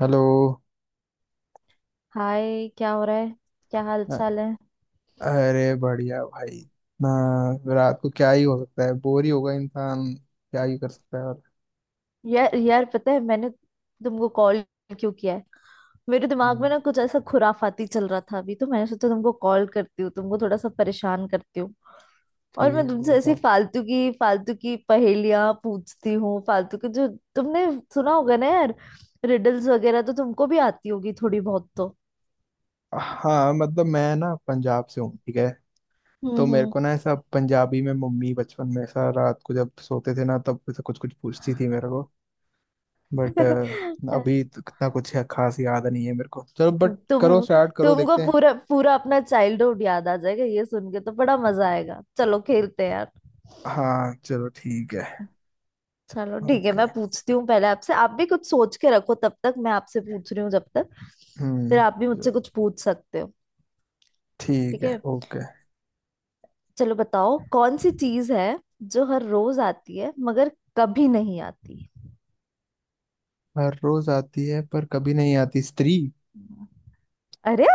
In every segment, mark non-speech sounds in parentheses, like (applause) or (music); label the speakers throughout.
Speaker 1: Hello.
Speaker 2: Hi, क्या हो रहा है? क्या हाल
Speaker 1: अ-
Speaker 2: चाल है?
Speaker 1: अरे बढ़िया भाई। ना, रात को क्या ही हो सकता है, बोर ही होगा, इंसान क्या ही कर सकता है और
Speaker 2: यार यार, पता है मैंने तुमको कॉल क्यों किया है? मेरे दिमाग
Speaker 1: हम्म,
Speaker 2: में ना कुछ ऐसा खुराफाती चल रहा था अभी, तो मैंने सोचा तुमको कॉल करती हूँ, तुमको थोड़ा सा परेशान करती हूँ। और
Speaker 1: ठीक
Speaker 2: मैं
Speaker 1: है,
Speaker 2: तुमसे ऐसी
Speaker 1: बताओ।
Speaker 2: फालतू की पहेलियां पूछती हूँ, फालतू की, जो तुमने सुना होगा ना यार। रिडल्स वगैरह तो तुमको भी आती होगी थोड़ी बहुत तो।
Speaker 1: हाँ मतलब, मैं ना पंजाब से हूँ, ठीक है, तो मेरे
Speaker 2: हम्म।
Speaker 1: को ना ऐसा पंजाबी में मम्मी बचपन में ऐसा रात को जब सोते थे ना तब ऐसा कुछ कुछ पूछती थी मेरे को। बट
Speaker 2: हम्म।
Speaker 1: अभी
Speaker 2: (laughs)
Speaker 1: तो इतना कुछ है, खास याद नहीं है मेरे को। चलो बट, करो,
Speaker 2: तुम
Speaker 1: स्टार्ट करो,
Speaker 2: तुमको
Speaker 1: देखते हैं।
Speaker 2: पूरा पूरा अपना चाइल्डहुड याद आ जाएगा ये सुन के, तो बड़ा मजा आएगा, चलो खेलते हैं यार।
Speaker 1: हाँ चलो ठीक है।
Speaker 2: चलो ठीक है,
Speaker 1: ओके।
Speaker 2: मैं पूछती हूँ पहले आपसे, आप भी कुछ सोच के रखो तब तक, मैं आपसे पूछ रही हूँ जब तक, फिर आप भी मुझसे
Speaker 1: चलो।
Speaker 2: कुछ पूछ सकते हो।
Speaker 1: ठीक
Speaker 2: ठीक
Speaker 1: है,
Speaker 2: है।
Speaker 1: ओके।
Speaker 2: चलो बताओ, कौन सी चीज है जो हर रोज आती है मगर कभी नहीं आती?
Speaker 1: हर रोज आती है पर कभी नहीं आती, स्त्री।
Speaker 2: अरे,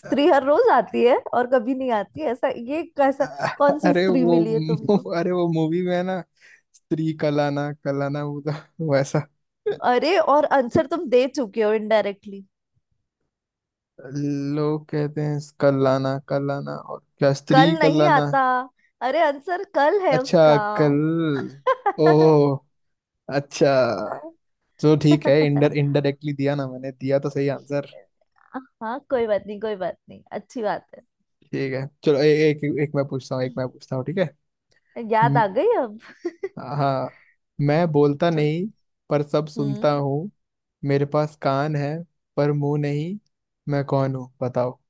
Speaker 1: (laughs) अ-
Speaker 2: हर रोज आती है और कभी नहीं आती, ऐसा ये कैसा? कौन सी
Speaker 1: अरे
Speaker 2: स्त्री
Speaker 1: वो (laughs)
Speaker 2: मिली है तुमको?
Speaker 1: अरे वो मूवी में है ना, स्त्री, कलाना कलाना, वो तो (laughs) वैसा
Speaker 2: अरे, और आंसर तुम दे चुके हो इनडायरेक्टली।
Speaker 1: लोग कहते हैं कलाना कलाना, और क्या,
Speaker 2: कल
Speaker 1: स्त्री
Speaker 2: नहीं
Speaker 1: कलाना।
Speaker 2: आता। अरे, आंसर कल है उसका।
Speaker 1: अच्छा, कल। ओ अच्छा, तो ठीक है, इंडर इनडायरेक्टली दिया ना मैंने, दिया तो सही आंसर।
Speaker 2: हाँ, कोई बात नहीं, कोई बात नहीं, अच्छी बात है।
Speaker 1: ठीक है चलो। एक एक मैं पूछता हूँ, एक मैं पूछता हूँ, ठीक
Speaker 2: याद
Speaker 1: है।
Speaker 2: आ गई अब।
Speaker 1: हाँ। मैं बोलता
Speaker 2: (laughs) चलो।
Speaker 1: नहीं पर सब सुनता
Speaker 2: हम्म।
Speaker 1: हूँ, मेरे पास कान है पर मुंह नहीं, मैं कौन हूँ बताओ।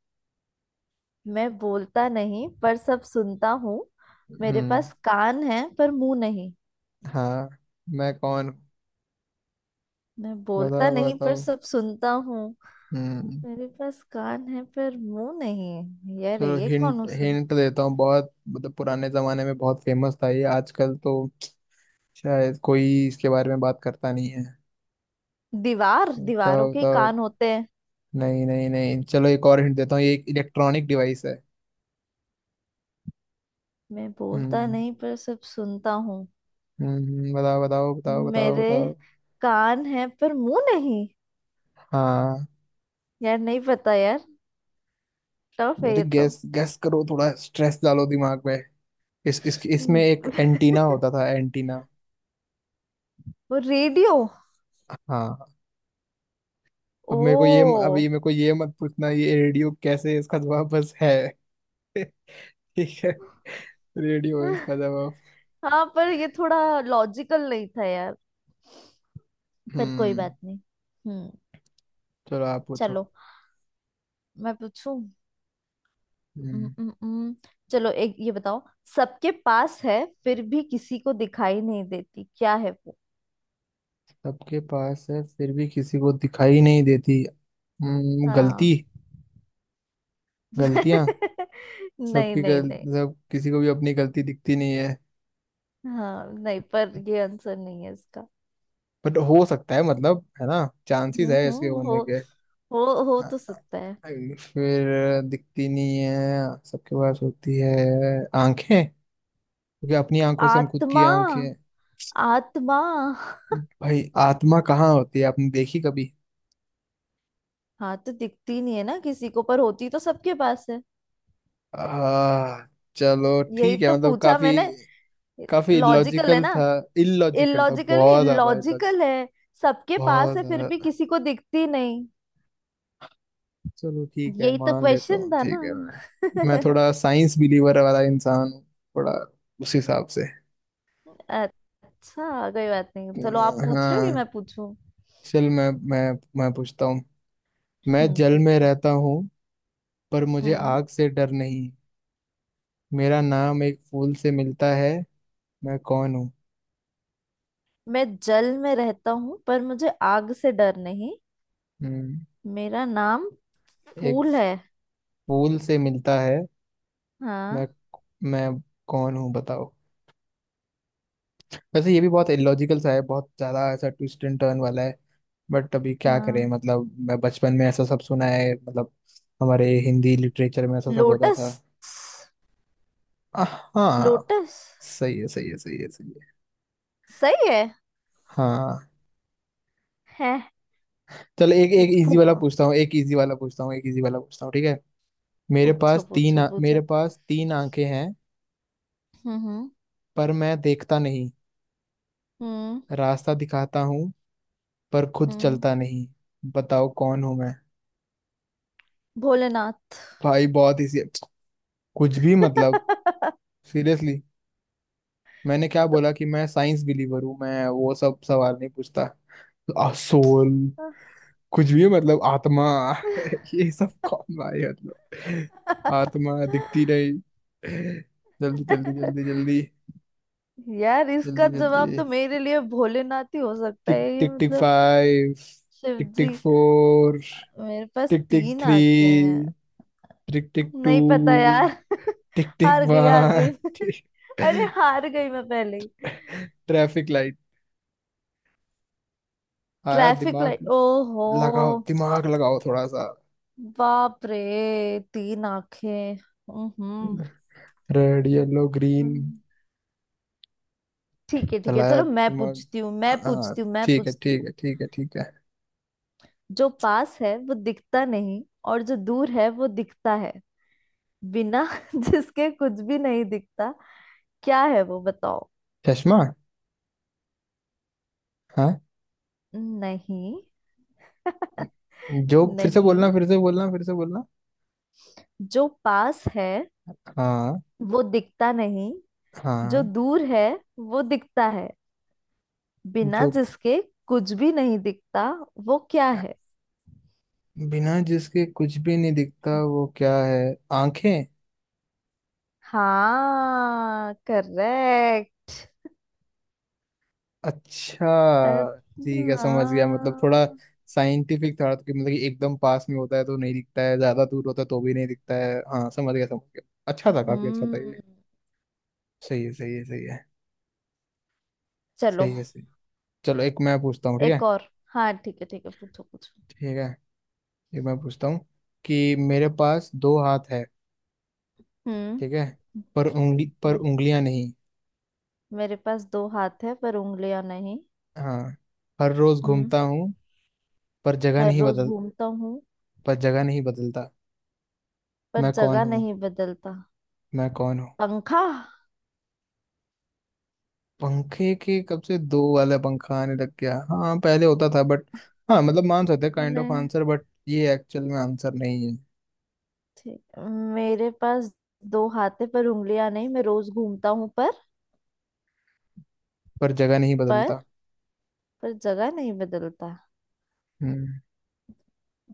Speaker 2: मैं बोलता नहीं पर सब सुनता हूँ। मेरे
Speaker 1: हम्म।
Speaker 2: पास कान है पर मुंह नहीं।
Speaker 1: हाँ, मैं कौन हूँ,
Speaker 2: मैं बोलता
Speaker 1: बताओ
Speaker 2: नहीं पर
Speaker 1: बताओ।
Speaker 2: सब सुनता हूँ।
Speaker 1: हम्म।
Speaker 2: मेरे पास कान है पर मुंह नहीं, यार
Speaker 1: चलो
Speaker 2: ये कौन
Speaker 1: हिंट
Speaker 2: हो सब?
Speaker 1: हिंट देता हूँ। बहुत मतलब पुराने जमाने में बहुत फेमस था ये, आजकल तो शायद कोई इसके बारे में बात करता नहीं है।
Speaker 2: दीवार,
Speaker 1: बताओ
Speaker 2: दीवारों के
Speaker 1: बताओ।
Speaker 2: कान होते हैं।
Speaker 1: नहीं नहीं नहीं, चलो एक और हिंट देता हूँ, ये एक इलेक्ट्रॉनिक डिवाइस है।
Speaker 2: मैं बोलता
Speaker 1: हम्म।
Speaker 2: नहीं पर सब सुनता हूँ।
Speaker 1: बताओ बताओ बताओ बताओ
Speaker 2: मेरे
Speaker 1: बताओ।
Speaker 2: कान है पर मुंह नहीं,
Speaker 1: हाँ।
Speaker 2: यार नहीं पता यार। टफ है
Speaker 1: अरे
Speaker 2: ये तो।
Speaker 1: गैस गैस करो, थोड़ा स्ट्रेस डालो दिमाग में। इस इसमें
Speaker 2: हम्म,
Speaker 1: एक एंटीना
Speaker 2: (laughs)
Speaker 1: होता था, एंटीना।
Speaker 2: वो रेडियो!
Speaker 1: हाँ।
Speaker 2: ओ।
Speaker 1: अब मेरे को ये अब ये मेरे को ये मत पूछना ये रेडियो कैसे है, इसका जवाब बस है। ठीक है, रेडियो है इसका
Speaker 2: (laughs)
Speaker 1: जवाब।
Speaker 2: हाँ, पर ये थोड़ा लॉजिकल नहीं था यार। पर कोई
Speaker 1: हम्म,
Speaker 2: बात नहीं। हम्म।
Speaker 1: चलो आप पूछो।
Speaker 2: चलो, मैं पूछूं। हम्म।
Speaker 1: हम्म।
Speaker 2: हम्म। हम्म। चलो एक ये बताओ, सबके पास है फिर भी किसी को दिखाई नहीं देती, क्या है वो?
Speaker 1: सबके पास है फिर भी किसी को दिखाई नहीं देती।
Speaker 2: हाँ।
Speaker 1: गलती। गलतियां।
Speaker 2: (laughs) नहीं
Speaker 1: सबकी
Speaker 2: नहीं
Speaker 1: गल
Speaker 2: नहीं।
Speaker 1: सब, किसी को भी अपनी गलती दिखती नहीं है।
Speaker 2: हाँ, नहीं, पर ये आंसर नहीं है इसका।
Speaker 1: बट हो सकता है मतलब, है ना, चांसेस है
Speaker 2: हम्म।
Speaker 1: इसके होने
Speaker 2: हो
Speaker 1: के।
Speaker 2: हो हो
Speaker 1: हाँ,
Speaker 2: तो सकता है।
Speaker 1: फिर दिखती नहीं है, सबके पास होती है, आंखें, क्योंकि अपनी आंखों से हम खुद की
Speaker 2: आत्मा।
Speaker 1: आंखें।
Speaker 2: आत्मा।
Speaker 1: भाई आत्मा कहाँ होती है, आपने देखी कभी?
Speaker 2: हाँ, तो दिखती नहीं है ना किसी को, पर होती तो सबके पास है।
Speaker 1: आ, चलो
Speaker 2: यही
Speaker 1: ठीक है,
Speaker 2: तो
Speaker 1: मतलब
Speaker 2: पूछा
Speaker 1: काफी,
Speaker 2: मैंने।
Speaker 1: काफी
Speaker 2: लॉजिकल है
Speaker 1: इलॉजिकल
Speaker 2: ना।
Speaker 1: था। इलॉजिकल था,
Speaker 2: इलॉजिकल नहीं,
Speaker 1: बहुत ज्यादा इलॉजिकल,
Speaker 2: लॉजिकल है। सबके पास
Speaker 1: बहुत
Speaker 2: है फिर भी
Speaker 1: ज्यादा।
Speaker 2: किसी को दिखती नहीं।
Speaker 1: चलो ठीक है,
Speaker 2: यही तो
Speaker 1: मान लेता
Speaker 2: क्वेश्चन
Speaker 1: हूँ,
Speaker 2: था ना।
Speaker 1: ठीक है। मैं
Speaker 2: (laughs)
Speaker 1: थोड़ा साइंस बिलीवर वाला इंसान हूँ, थोड़ा, उस हिसाब से।
Speaker 2: अच्छा, कोई बात नहीं। चलो आप पूछ रहे हो कि
Speaker 1: हाँ।
Speaker 2: मैं पूछूं?
Speaker 1: चल मैं पूछता हूँ। मैं
Speaker 2: हम्म,
Speaker 1: जल में
Speaker 2: पूछो।
Speaker 1: रहता हूँ पर मुझे
Speaker 2: हम्म।
Speaker 1: आग से डर नहीं, मेरा नाम एक फूल से मिलता है, मैं कौन हूँ?
Speaker 2: मैं जल में रहता हूँ पर मुझे आग से डर नहीं।
Speaker 1: हम्म,
Speaker 2: मेरा नाम
Speaker 1: एक
Speaker 2: फूल है।
Speaker 1: फूल से मिलता है। मैं
Speaker 2: हाँ।
Speaker 1: मैं कौन हूँ बताओ। वैसे ये भी बहुत इलॉजिकल सा है, बहुत ज्यादा ऐसा ट्विस्ट एंड टर्न वाला है। बट अभी क्या करें,
Speaker 2: हाँ,
Speaker 1: मतलब मैं बचपन में ऐसा सब सुना है, मतलब हमारे हिंदी लिटरेचर में ऐसा सब होता
Speaker 2: लोटस।
Speaker 1: था। आह, हाँ,
Speaker 2: लोटस।
Speaker 1: सही है सही है सही है सही है।
Speaker 2: सही है।
Speaker 1: हाँ।
Speaker 2: है।
Speaker 1: चल एक एक इजी
Speaker 2: फू-
Speaker 1: वाला पूछता हूँ, एक इजी वाला पूछता हूँ, एक इजी वाला पूछता हूँ, ठीक है।
Speaker 2: पूछो पूछो
Speaker 1: मेरे
Speaker 2: पूछो।
Speaker 1: पास तीन आंखें हैं
Speaker 2: हम्म। हम्म।
Speaker 1: पर मैं देखता नहीं,
Speaker 2: हम्म।
Speaker 1: रास्ता दिखाता हूँ पर खुद
Speaker 2: हम्म।
Speaker 1: चलता नहीं, बताओ कौन हूँ मैं?
Speaker 2: भोलेनाथ।
Speaker 1: भाई बहुत इजी है। कुछ भी मतलब,
Speaker 2: (laughs)
Speaker 1: सीरियसली, मैंने क्या
Speaker 2: तो-
Speaker 1: बोला कि मैं साइंस बिलीवर हूँ, मैं वो सब सवाल नहीं पूछता। सोल, कुछ भी है, मतलब आत्मा, (laughs) ये सब कौन भाई, मतलब। आत्मा दिखती नहीं। जल्दी जल्दी जल्दी जल्दी,
Speaker 2: यार इसका
Speaker 1: जल्दी
Speaker 2: जवाब
Speaker 1: जल्दी।
Speaker 2: तो मेरे लिए भोलेनाथ ही हो सकता
Speaker 1: टिक
Speaker 2: है ये,
Speaker 1: टिक टिक
Speaker 2: मतलब।
Speaker 1: फाइव,
Speaker 2: शिव
Speaker 1: टिक टिक
Speaker 2: जी।
Speaker 1: फोर,
Speaker 2: मेरे पास
Speaker 1: टिक टिक
Speaker 2: तीन
Speaker 1: थ्री,
Speaker 2: आंखें हैं।
Speaker 1: टिक टिक टू,
Speaker 2: नहीं पता यार। (laughs)
Speaker 1: टिक टिक
Speaker 2: हार गई, हार गई, (laughs) मैं। अरे
Speaker 1: वन। (laughs)
Speaker 2: हार गई मैं पहले ही।
Speaker 1: Traffic light. आया
Speaker 2: ट्रैफिक
Speaker 1: दिमाग,
Speaker 2: लाइट, ओहो।
Speaker 1: लगाओ दिमाग, लगाओ थोड़ा सा।
Speaker 2: बाप रे। तीन आंखें। हम्म।
Speaker 1: Red yellow green.
Speaker 2: हम्म। ठीक है, ठीक है,
Speaker 1: चलाया
Speaker 2: चलो मैं
Speaker 1: दिमाग।
Speaker 2: पूछती हूँ, मैं
Speaker 1: हाँ
Speaker 2: पूछती हूँ, मैं
Speaker 1: ठीक है
Speaker 2: पूछती
Speaker 1: ठीक
Speaker 2: हूँ।
Speaker 1: है ठीक है ठीक है।
Speaker 2: जो पास है वो दिखता नहीं, और जो दूर है वो दिखता है, बिना (laughs) जिसके कुछ भी नहीं दिखता, क्या है वो? बताओ।
Speaker 1: चश्मा। हाँ।
Speaker 2: नहीं। (laughs)
Speaker 1: जो, फिर से बोलना
Speaker 2: नहीं,
Speaker 1: फिर से बोलना फिर से बोलना।
Speaker 2: जो पास है
Speaker 1: हाँ।
Speaker 2: वो दिखता नहीं, जो
Speaker 1: हाँ।
Speaker 2: दूर है वो दिखता है, बिना
Speaker 1: जो,
Speaker 2: जिसके कुछ भी नहीं दिखता, वो क्या है?
Speaker 1: बिना जिसके कुछ भी नहीं दिखता वो क्या है, आंखें।
Speaker 2: हाँ, करेक्ट।
Speaker 1: अच्छा,
Speaker 2: हाँ।
Speaker 1: ठीक है समझ गया। मतलब थोड़ा साइंटिफिक था तो, कि मतलब कि एकदम पास में होता है तो नहीं दिखता है, ज्यादा दूर होता है तो भी नहीं दिखता है। हाँ समझ गया समझ गया। अच्छा था, काफी अच्छा था ये।
Speaker 2: हम्म।
Speaker 1: सही है सही है सही है
Speaker 2: चलो
Speaker 1: सही है सही। चलो एक मैं पूछता हूँ, ठीक
Speaker 2: एक
Speaker 1: है,
Speaker 2: और। हाँ, ठीक है, ठीक है, पूछो पूछो।
Speaker 1: ठीक है, एक मैं पूछता हूँ कि मेरे पास दो हाथ है,
Speaker 2: हम्म।
Speaker 1: ठीक है, पर
Speaker 2: मे-
Speaker 1: उंगलियां नहीं।
Speaker 2: मेरे पास दो हाथ है पर उंगलियां नहीं।
Speaker 1: हाँ, हर रोज
Speaker 2: हम्म।
Speaker 1: घूमता हूँ पर जगह
Speaker 2: हर
Speaker 1: नहीं
Speaker 2: रोज
Speaker 1: बदल
Speaker 2: घूमता हूँ,
Speaker 1: पर जगह नहीं बदलता,
Speaker 2: पर
Speaker 1: मैं कौन
Speaker 2: जगह
Speaker 1: हूँ,
Speaker 2: नहीं बदलता।
Speaker 1: मैं कौन हूँ?
Speaker 2: पंखा।
Speaker 1: पंखे के कब से दो वाला पंखा आने लग गया? हाँ पहले होता था बट, हाँ मतलब मान सकते, काइंड ऑफ
Speaker 2: नहीं।
Speaker 1: आंसर, बट ये एक्चुअल में आंसर नहीं है।
Speaker 2: ठीक, मेरे पास दो हाथ है पर उंगलियां नहीं, मैं रोज घूमता हूँ,
Speaker 1: पर जगह नहीं
Speaker 2: पर
Speaker 1: बदलता।
Speaker 2: पर जगह नहीं बदलता।
Speaker 1: हम्म।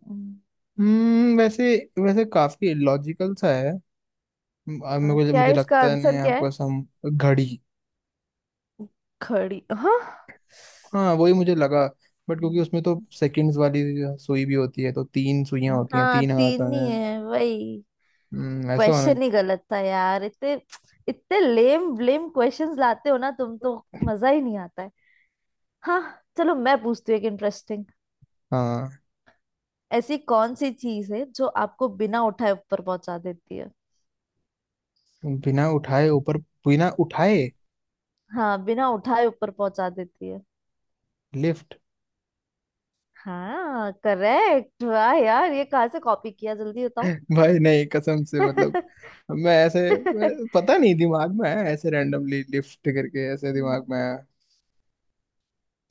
Speaker 2: हम्म।
Speaker 1: वैसे, वैसे काफी लॉजिकल सा है। म- आ,
Speaker 2: हाँ,
Speaker 1: मुझे
Speaker 2: क्या
Speaker 1: मुझे
Speaker 2: है इसका
Speaker 1: लगता है
Speaker 2: आंसर,
Speaker 1: नहीं
Speaker 2: क्या है?
Speaker 1: आपको सम, घड़ी।
Speaker 2: घड़ी। हाँ।
Speaker 1: हाँ वही मुझे लगा, बट क्योंकि उसमें तो सेकंड्स वाली सुई भी होती है, तो तीन सुइयां होती हैं,
Speaker 2: हाँ,
Speaker 1: तीन हाथ
Speaker 2: तीन ही
Speaker 1: आने।
Speaker 2: है, वही।
Speaker 1: ऐसा होना।
Speaker 2: क्वेश्चन ही गलत था यार। इतने इतने लेम लेम क्वेश्चंस लाते हो ना तुम तो, मजा ही नहीं आता है। हाँ, चलो मैं पूछती हूँ एक इंटरेस्टिंग।
Speaker 1: हाँ,
Speaker 2: ऐसी कौन सी चीज है जो आपको बिना उठाए ऊपर पहुंचा देती है?
Speaker 1: बिना उठाए ऊपर, बिना उठाए,
Speaker 2: हाँ, बिना उठाए ऊपर पहुंचा देती है।
Speaker 1: लिफ्ट।
Speaker 2: हाँ करेक्ट, वाह यार, ये कहाँ से कॉपी किया जल्दी बताओ।
Speaker 1: भाई नहीं, कसम से
Speaker 2: (laughs)
Speaker 1: मतलब, मैं ऐसे, पता नहीं दिमाग में आया ऐसे, रैंडमली लिफ्ट करके ऐसे दिमाग
Speaker 2: हम्म।
Speaker 1: में आया।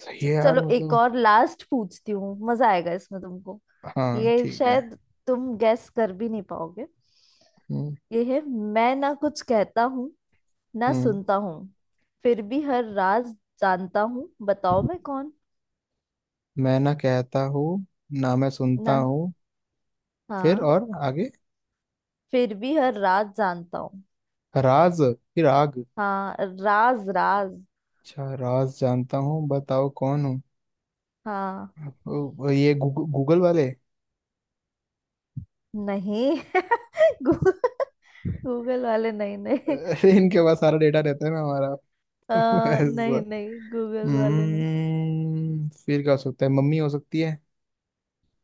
Speaker 1: सही है यार,
Speaker 2: चलो एक
Speaker 1: मतलब।
Speaker 2: और लास्ट पूछती हूँ, मजा आएगा इसमें तुमको।
Speaker 1: हाँ
Speaker 2: ये
Speaker 1: ठीक है।
Speaker 2: शायद तुम गैस कर भी नहीं पाओगे।
Speaker 1: हम्म।
Speaker 2: ये है, मैं ना कुछ कहता हूँ ना
Speaker 1: हम्म।
Speaker 2: सुनता हूँ, फिर भी हर राज जानता हूँ, बताओ मैं कौन?
Speaker 1: मैं ना कहता हूँ, ना मैं सुनता
Speaker 2: ना।
Speaker 1: हूँ, फिर
Speaker 2: हाँ।
Speaker 1: और आगे?
Speaker 2: फिर भी हर राज जानता हूँ।
Speaker 1: राज। फिर आग,
Speaker 2: हाँ, राज, राज।
Speaker 1: अच्छा राज जानता हूँ, बताओ कौन हूँ।
Speaker 2: हाँ।
Speaker 1: ओ, ये गूगल वाले,
Speaker 2: नहीं। (laughs) गूगल वाले नहीं, नहीं।
Speaker 1: अरे इनके पास सारा डेटा रहता है ना हमारा। (laughs) ऐसा।
Speaker 2: नहीं नहीं, गूगल वाले नहीं।
Speaker 1: हम्म, फिर क्या हो सकता है, मम्मी हो सकती है।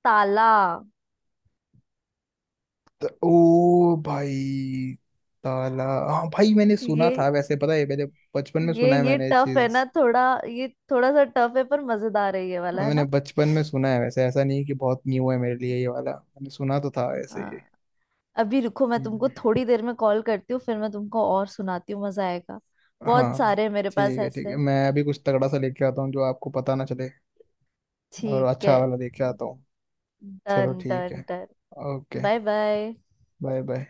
Speaker 2: ताला।
Speaker 1: ओ भाई, ताला। हाँ भाई मैंने सुना
Speaker 2: ये
Speaker 1: था, वैसे पता है, मैंने बचपन में
Speaker 2: ये
Speaker 1: सुना है
Speaker 2: ये
Speaker 1: मैंने ये
Speaker 2: टफ है ना
Speaker 1: चीज।
Speaker 2: थोड़ा। ये थोड़ा सा टफ है पर मजेदार है ये वाला है
Speaker 1: मैंने
Speaker 2: ना।
Speaker 1: बचपन में सुना है, वैसे ऐसा नहीं कि बहुत न्यू है मेरे लिए, ये वाला मैंने सुना तो था ऐसे ही।
Speaker 2: हाँ। अभी रुको, मैं तुमको
Speaker 1: हम्म,
Speaker 2: थोड़ी देर में कॉल करती हूँ, फिर मैं तुमको और सुनाती हूँ, मजा आएगा। बहुत
Speaker 1: हाँ,
Speaker 2: सारे हैं मेरे पास
Speaker 1: ठीक है ठीक है,
Speaker 2: ऐसे।
Speaker 1: मैं अभी कुछ तगड़ा सा लेके आता हूँ जो आपको पता ना चले, और
Speaker 2: ठीक
Speaker 1: अच्छा
Speaker 2: है।
Speaker 1: वाला लेके आता हूँ। चलो
Speaker 2: डन
Speaker 1: ठीक
Speaker 2: डन
Speaker 1: है।
Speaker 2: Done.
Speaker 1: Okay.
Speaker 2: Bye bye.
Speaker 1: Bye bye.